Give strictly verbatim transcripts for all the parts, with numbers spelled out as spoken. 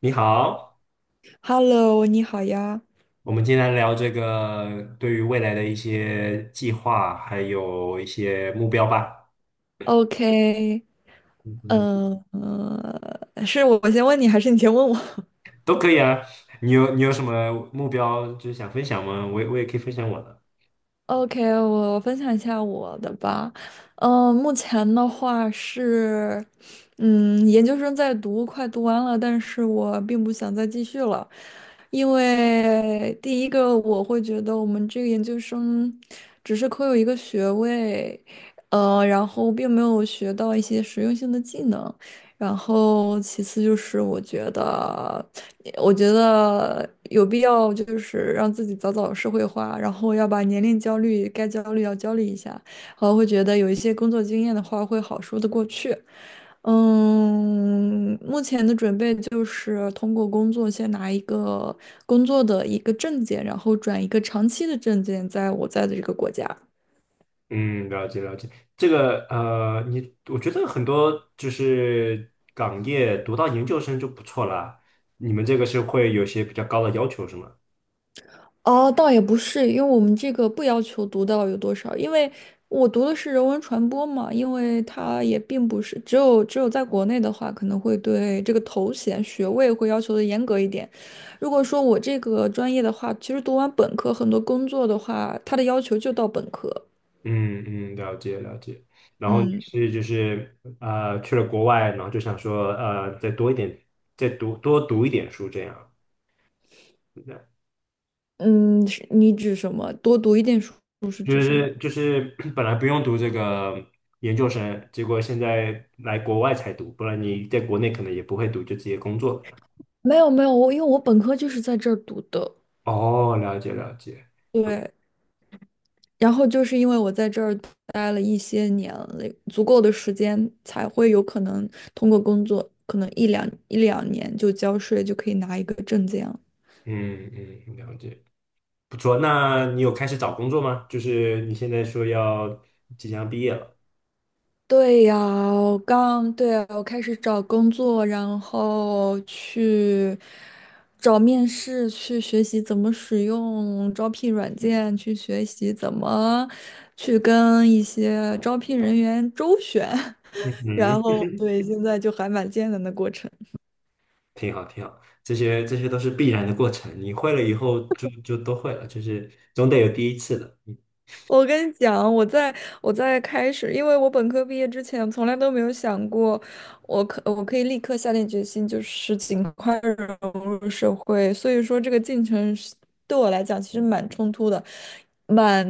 你好，Hello，你好呀。我们今天来聊这个对于未来的一些计划，还有一些目标吧。OK，嗯嗯。嗯。呃，是我先问你，还是你先问我？都可以啊。你有你有什么目标，就是想分享吗？我也我也可以分享我的。OK，我分享一下我的吧。嗯、目前的话是，嗯，研究生在读，快读完了，但是我并不想再继续了。因为第一个我会觉得我们这个研究生只是可有一个学位，呃，然后并没有学到一些实用性的技能。然后其次就是我觉得。我觉得有必要就是让自己早早社会化，然后要把年龄焦虑该焦虑要焦虑一下，然后会觉得有一些工作经验的话会好说得过去。嗯，目前的准备就是通过工作先拿一个工作的一个证件，然后转一个长期的证件，在我在的这个国家。嗯，了解了解。这个呃，你我觉得很多就是港业读到研究生就不错啦。你们这个是会有些比较高的要求是吗？哦，倒也不是，因为我们这个不要求读到有多少。因为我读的是人文传播嘛，因为它也并不是只有只有在国内的话，可能会对这个头衔学位会要求的严格一点。如果说我这个专业的话，其实读完本科，很多工作的话，它的要求就到本科。嗯嗯，了解了解。然后你嗯是就是呃去了国外，然后就想说呃再多一点，再读多读一点书这样。是这样。嗯，是你指什么？多读一点书是指就什么？是就是 本来不用读这个研究生，结果现在来国外才读，不然你在国内可能也不会读，就直接工作了。没有没有，我因为我本科就是在这儿读的。哦，了解了解，对，然后就是因为我在这儿待了一些年了，足够的时间才会有可能通过工作，可能一两一两年就交税，就可以拿一个证件了。嗯嗯，了解，不错。那你有开始找工作吗？就是你现在说要即将毕业了。对呀，我刚，对啊，我开始找工作，然后去找面试，去学习怎么使用招聘软件，去学习怎么去跟一些招聘人员周旋。然嗯。后对，现在就还蛮艰难的过程。挺好，挺好，这些这些都是必然的过程，你会了以后就就都会了，就是总得有第一次的。我跟你讲，我在我在开始，因为我本科毕业之前，从来都没有想过，我可我可以立刻下定决心，就是尽快融入社会。所以说，这个进程是对我来讲其实蛮冲突的，蛮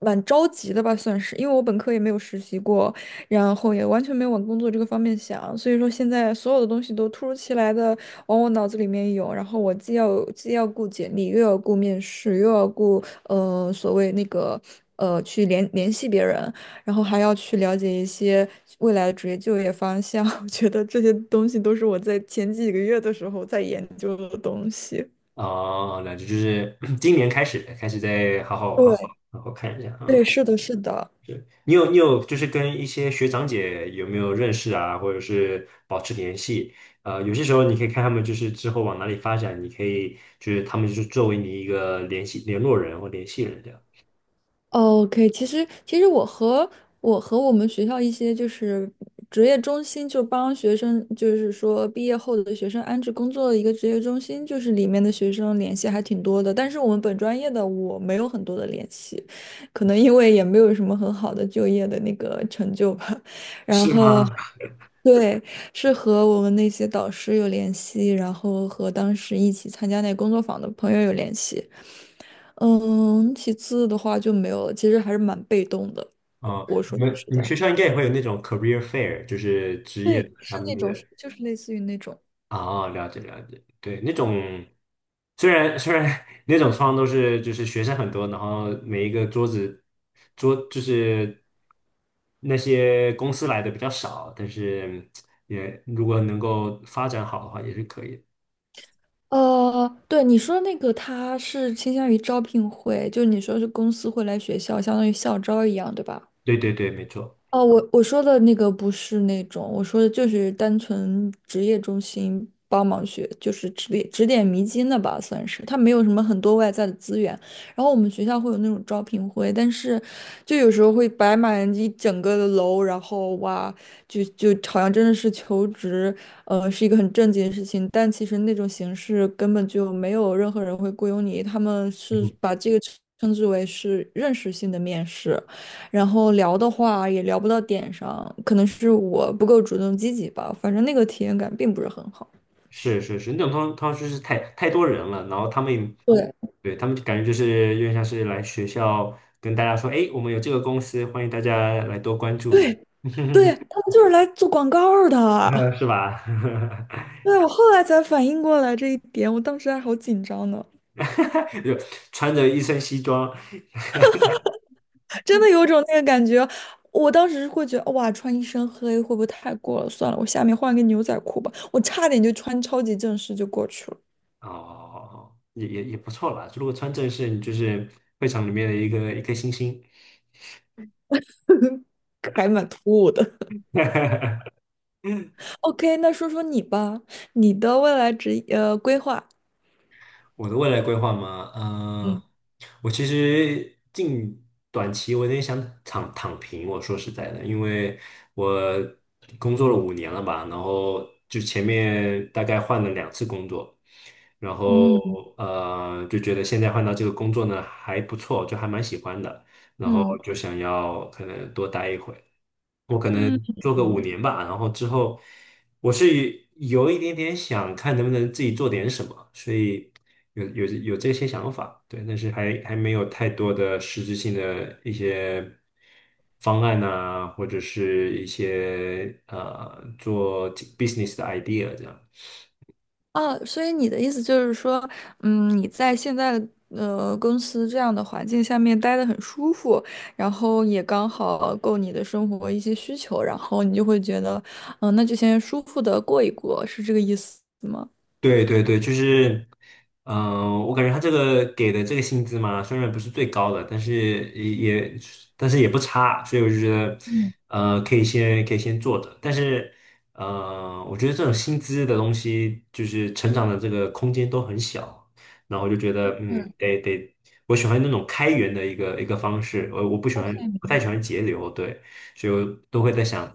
蛮着急的吧，算是。因为我本科也没有实习过，然后也完全没有往工作这个方面想，所以说现在所有的东西都突如其来的往我脑子里面涌，然后我既要既要顾简历，又要顾面试，又要顾。呃所谓那个呃去联联系别人，然后还要去了解一些未来的职业就业方向。我觉得这些东西都是我在前几个月的时候在研究的东西。哦，哦那就就是 今年开始开始再好好好好对，好好看一下对，啊。是的，是的。你有你有就是跟一些学长姐有没有认识啊，或者是保持联系？呃，有些时候你可以看他们就是之后往哪里发展，你可以就是他们就是作为你一个联系联络人或联系人这样。哦 OK，其实其实我和我和我们学校一些就是职业中心，就帮学生，就是说毕业后的学生安置工作的一个职业中心，就是里面的学生联系还挺多的。但是我们本专业的我没有很多的联系，可能因为也没有什么很好的就业的那个成就吧。然是后吗？对，是和我们那些导师有联系，然后和当时一起参加那个工作坊的朋友有联系。嗯，其次的话就没有了，其实还是蛮被动的。哦，我说你句们实你在们话。学校应该也会有那种 career fair，就是职业对，是他们。那种，就是类似于那种。哦，了解了解，对，那种虽然虽然 那种窗都是就是学生很多，然后每一个桌子桌就是那些公司来的比较少，但是也如果能够发展好的话，也是可以的。呃，对你说那个，他是倾向于招聘会，就你说是公司会来学校，相当于校招一样，对吧？对对对，没错，哦，我我说的那个不是那种，我说的就是单纯职业中心帮忙学，就是指点指点迷津的吧，算是。它没有什么很多外在的资源，然后我们学校会有那种招聘会，但是就有时候会摆满一整个的楼，然后哇，就就好像真的是求职，呃，是一个很正经的事情，但其实那种形式根本就没有任何人会雇佣你，他们嗯。是把这个称之为是认识性的面试。然后聊的话也聊不到点上，可能是我不够主动积极吧，反正那个体验感并不是很好。是是是，那种通通常就是太太多人了，然后他们，对，对，他们就感觉就是有点像是来学校跟大家说，哎，我们有这个公司，欢迎大家来多关注一下。对，他们就是来做广告儿 呃，的。是吧？对，我后来才反应过来这一点，我当时还好紧张呢，就穿着一身西装。真的有一种那个感觉。我当时会觉得，哇，穿一身黑会不会太过了？算了，我下面换个牛仔裤吧。我差点就穿超级正式就过去了，哦，也也也不错啦。如果穿正式，你就是会场里面的一个一颗星星。还蛮突兀的。OK，那说说你吧，你的未来职业呃规划。我的未来规划吗？嗯嗯、我其实近短期我有点想躺躺平。我说实在的，因为我工作了五年了吧，然后就前面大概换了两次工作，然嗯后呃就觉得现在换到这个工作呢还不错，就还蛮喜欢的，然后嗯。就想要可能多待一会。我可嗯。能做个五年吧，然后之后我是有一点点想看能不能自己做点什么，所以有有有这些想法，对，但是还还没有太多的实质性的一些方案呐、或者是一些呃做 business 的 idea 这样。哦，所以你的意思就是说，嗯，你在现在呃公司这样的环境下面待得很舒服，然后也刚好够你的生活一些需求，然后你就会觉得，嗯、那就先舒服的过一过，是这个意思吗？对对对，就是，嗯、我感觉他这个给的这个薪资嘛，虽然不是最高的，但是也，也但是也不差，所以我就觉得，呃，可以先可以先做着。但是，呃，我觉得这种薪资的东西，就是成长的这个空间都很小，然后我就觉得，嗯，得得，我喜欢那种开源的一个一个方式，我我不喜欢，不太喜欢节流，对。所以我都会在想，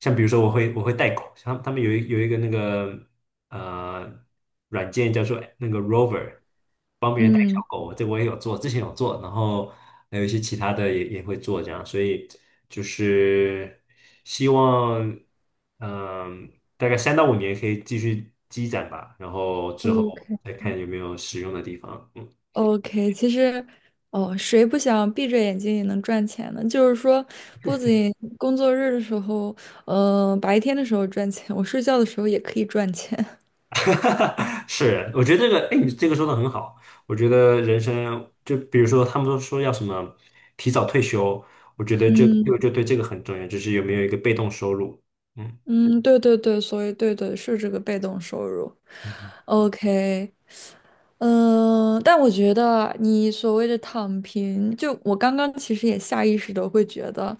像比如说我会我会带狗，像他们有一有一个那个呃软件叫做那个 Rover，帮别人带小嗯 狗，这我也有做，之前有做，然后还有一些其他的也也会做这样，所以就是希望嗯、大概三到五年可以继续积攒吧，然后之后 OK，再看有没有使用的地方，嗯。，OK，其实，哦，谁不想闭着眼睛也能赚钱呢？就是说，不仅工作日的时候，呃，白天的时候赚钱，我睡觉的时候也可以赚钱。是，我觉得这个，哎，你这个说的很好。我觉得人生，就比如说他们都说要什么提早退休，我觉得就嗯。就就对这个很重要，就是有没有一个被动收入。嗯嗯，对对对，所以对对是这个被动收入。嗯 OK，嗯、但我觉得你所谓的躺平，就我刚刚其实也下意识的会觉得，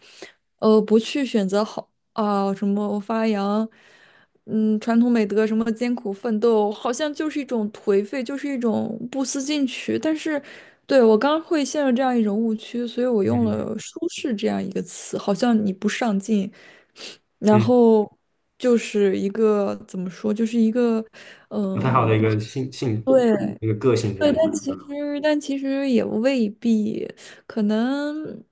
呃，不去选择好啊、什么发扬，嗯，传统美德，什么艰苦奋斗，好像就是一种颓废，就是一种不思进取。但是，对，我刚会陷入这样一种误区，所以我用嗯了“舒适”这样一个词，好像你不上进。然嗯。后就是一个怎么说，就是一个不呃太好的一个性性对。一个个性在对，里但面。其实但其实也未必。可能，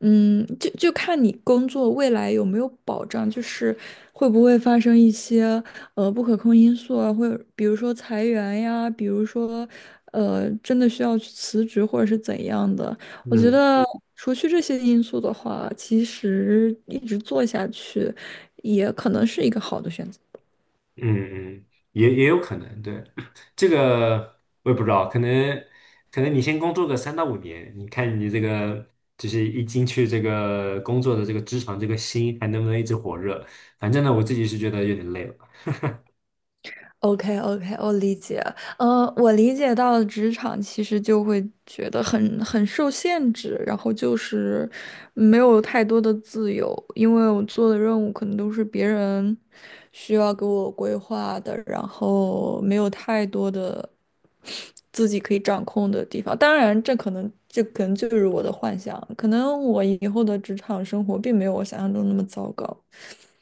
嗯，就就看你工作未来有没有保障，就是会不会发生一些呃不可控因素啊，或者比如说裁员呀，比如说呃真的需要去辞职或者是怎样的。我觉嗯。得除去这些因素的话，其实一直做下去也可能是一个好的选择。嗯嗯，也也有可能，对，这个我也不知道，可能可能你先工作个三到五年，你看你这个就是一进去这个工作的这个职场这个心还能不能一直火热？反正呢，我自己是觉得有点累了。OK OK，我理解。呃，我理解到职场其实就会觉得很很受限制，然后就是没有太多的自由，因为我做的任务可能都是别人需要给我规划的，然后没有太多的自己可以掌控的地方。当然，这可能这可能就是我的幻想，可能我以后的职场生活并没有我想象中那么糟糕。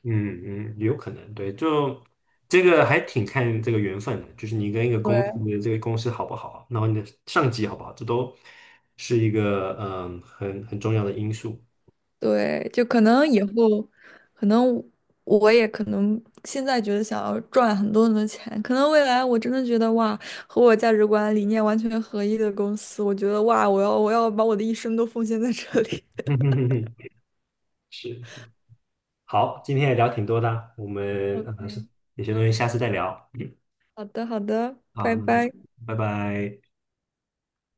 嗯嗯，有可能，对，就这个还挺看这个缘分的，就是你跟一个公司对。你的这个公司好不好，然后你的上级好不好，这都是一个嗯很很重要的因素。对，就可能以后，可能我也可能现在觉得想要赚很多很多钱，可能未来我真的觉得哇，和我价值观理念完全合一的公司，我觉得哇，我要我要把我的一生都奉献在这里。是是。好，今天也聊挺多的啊，我 们呃是 OK，有些东西下次再聊。嗯。好的好的，好，拜那就拜。拜拜。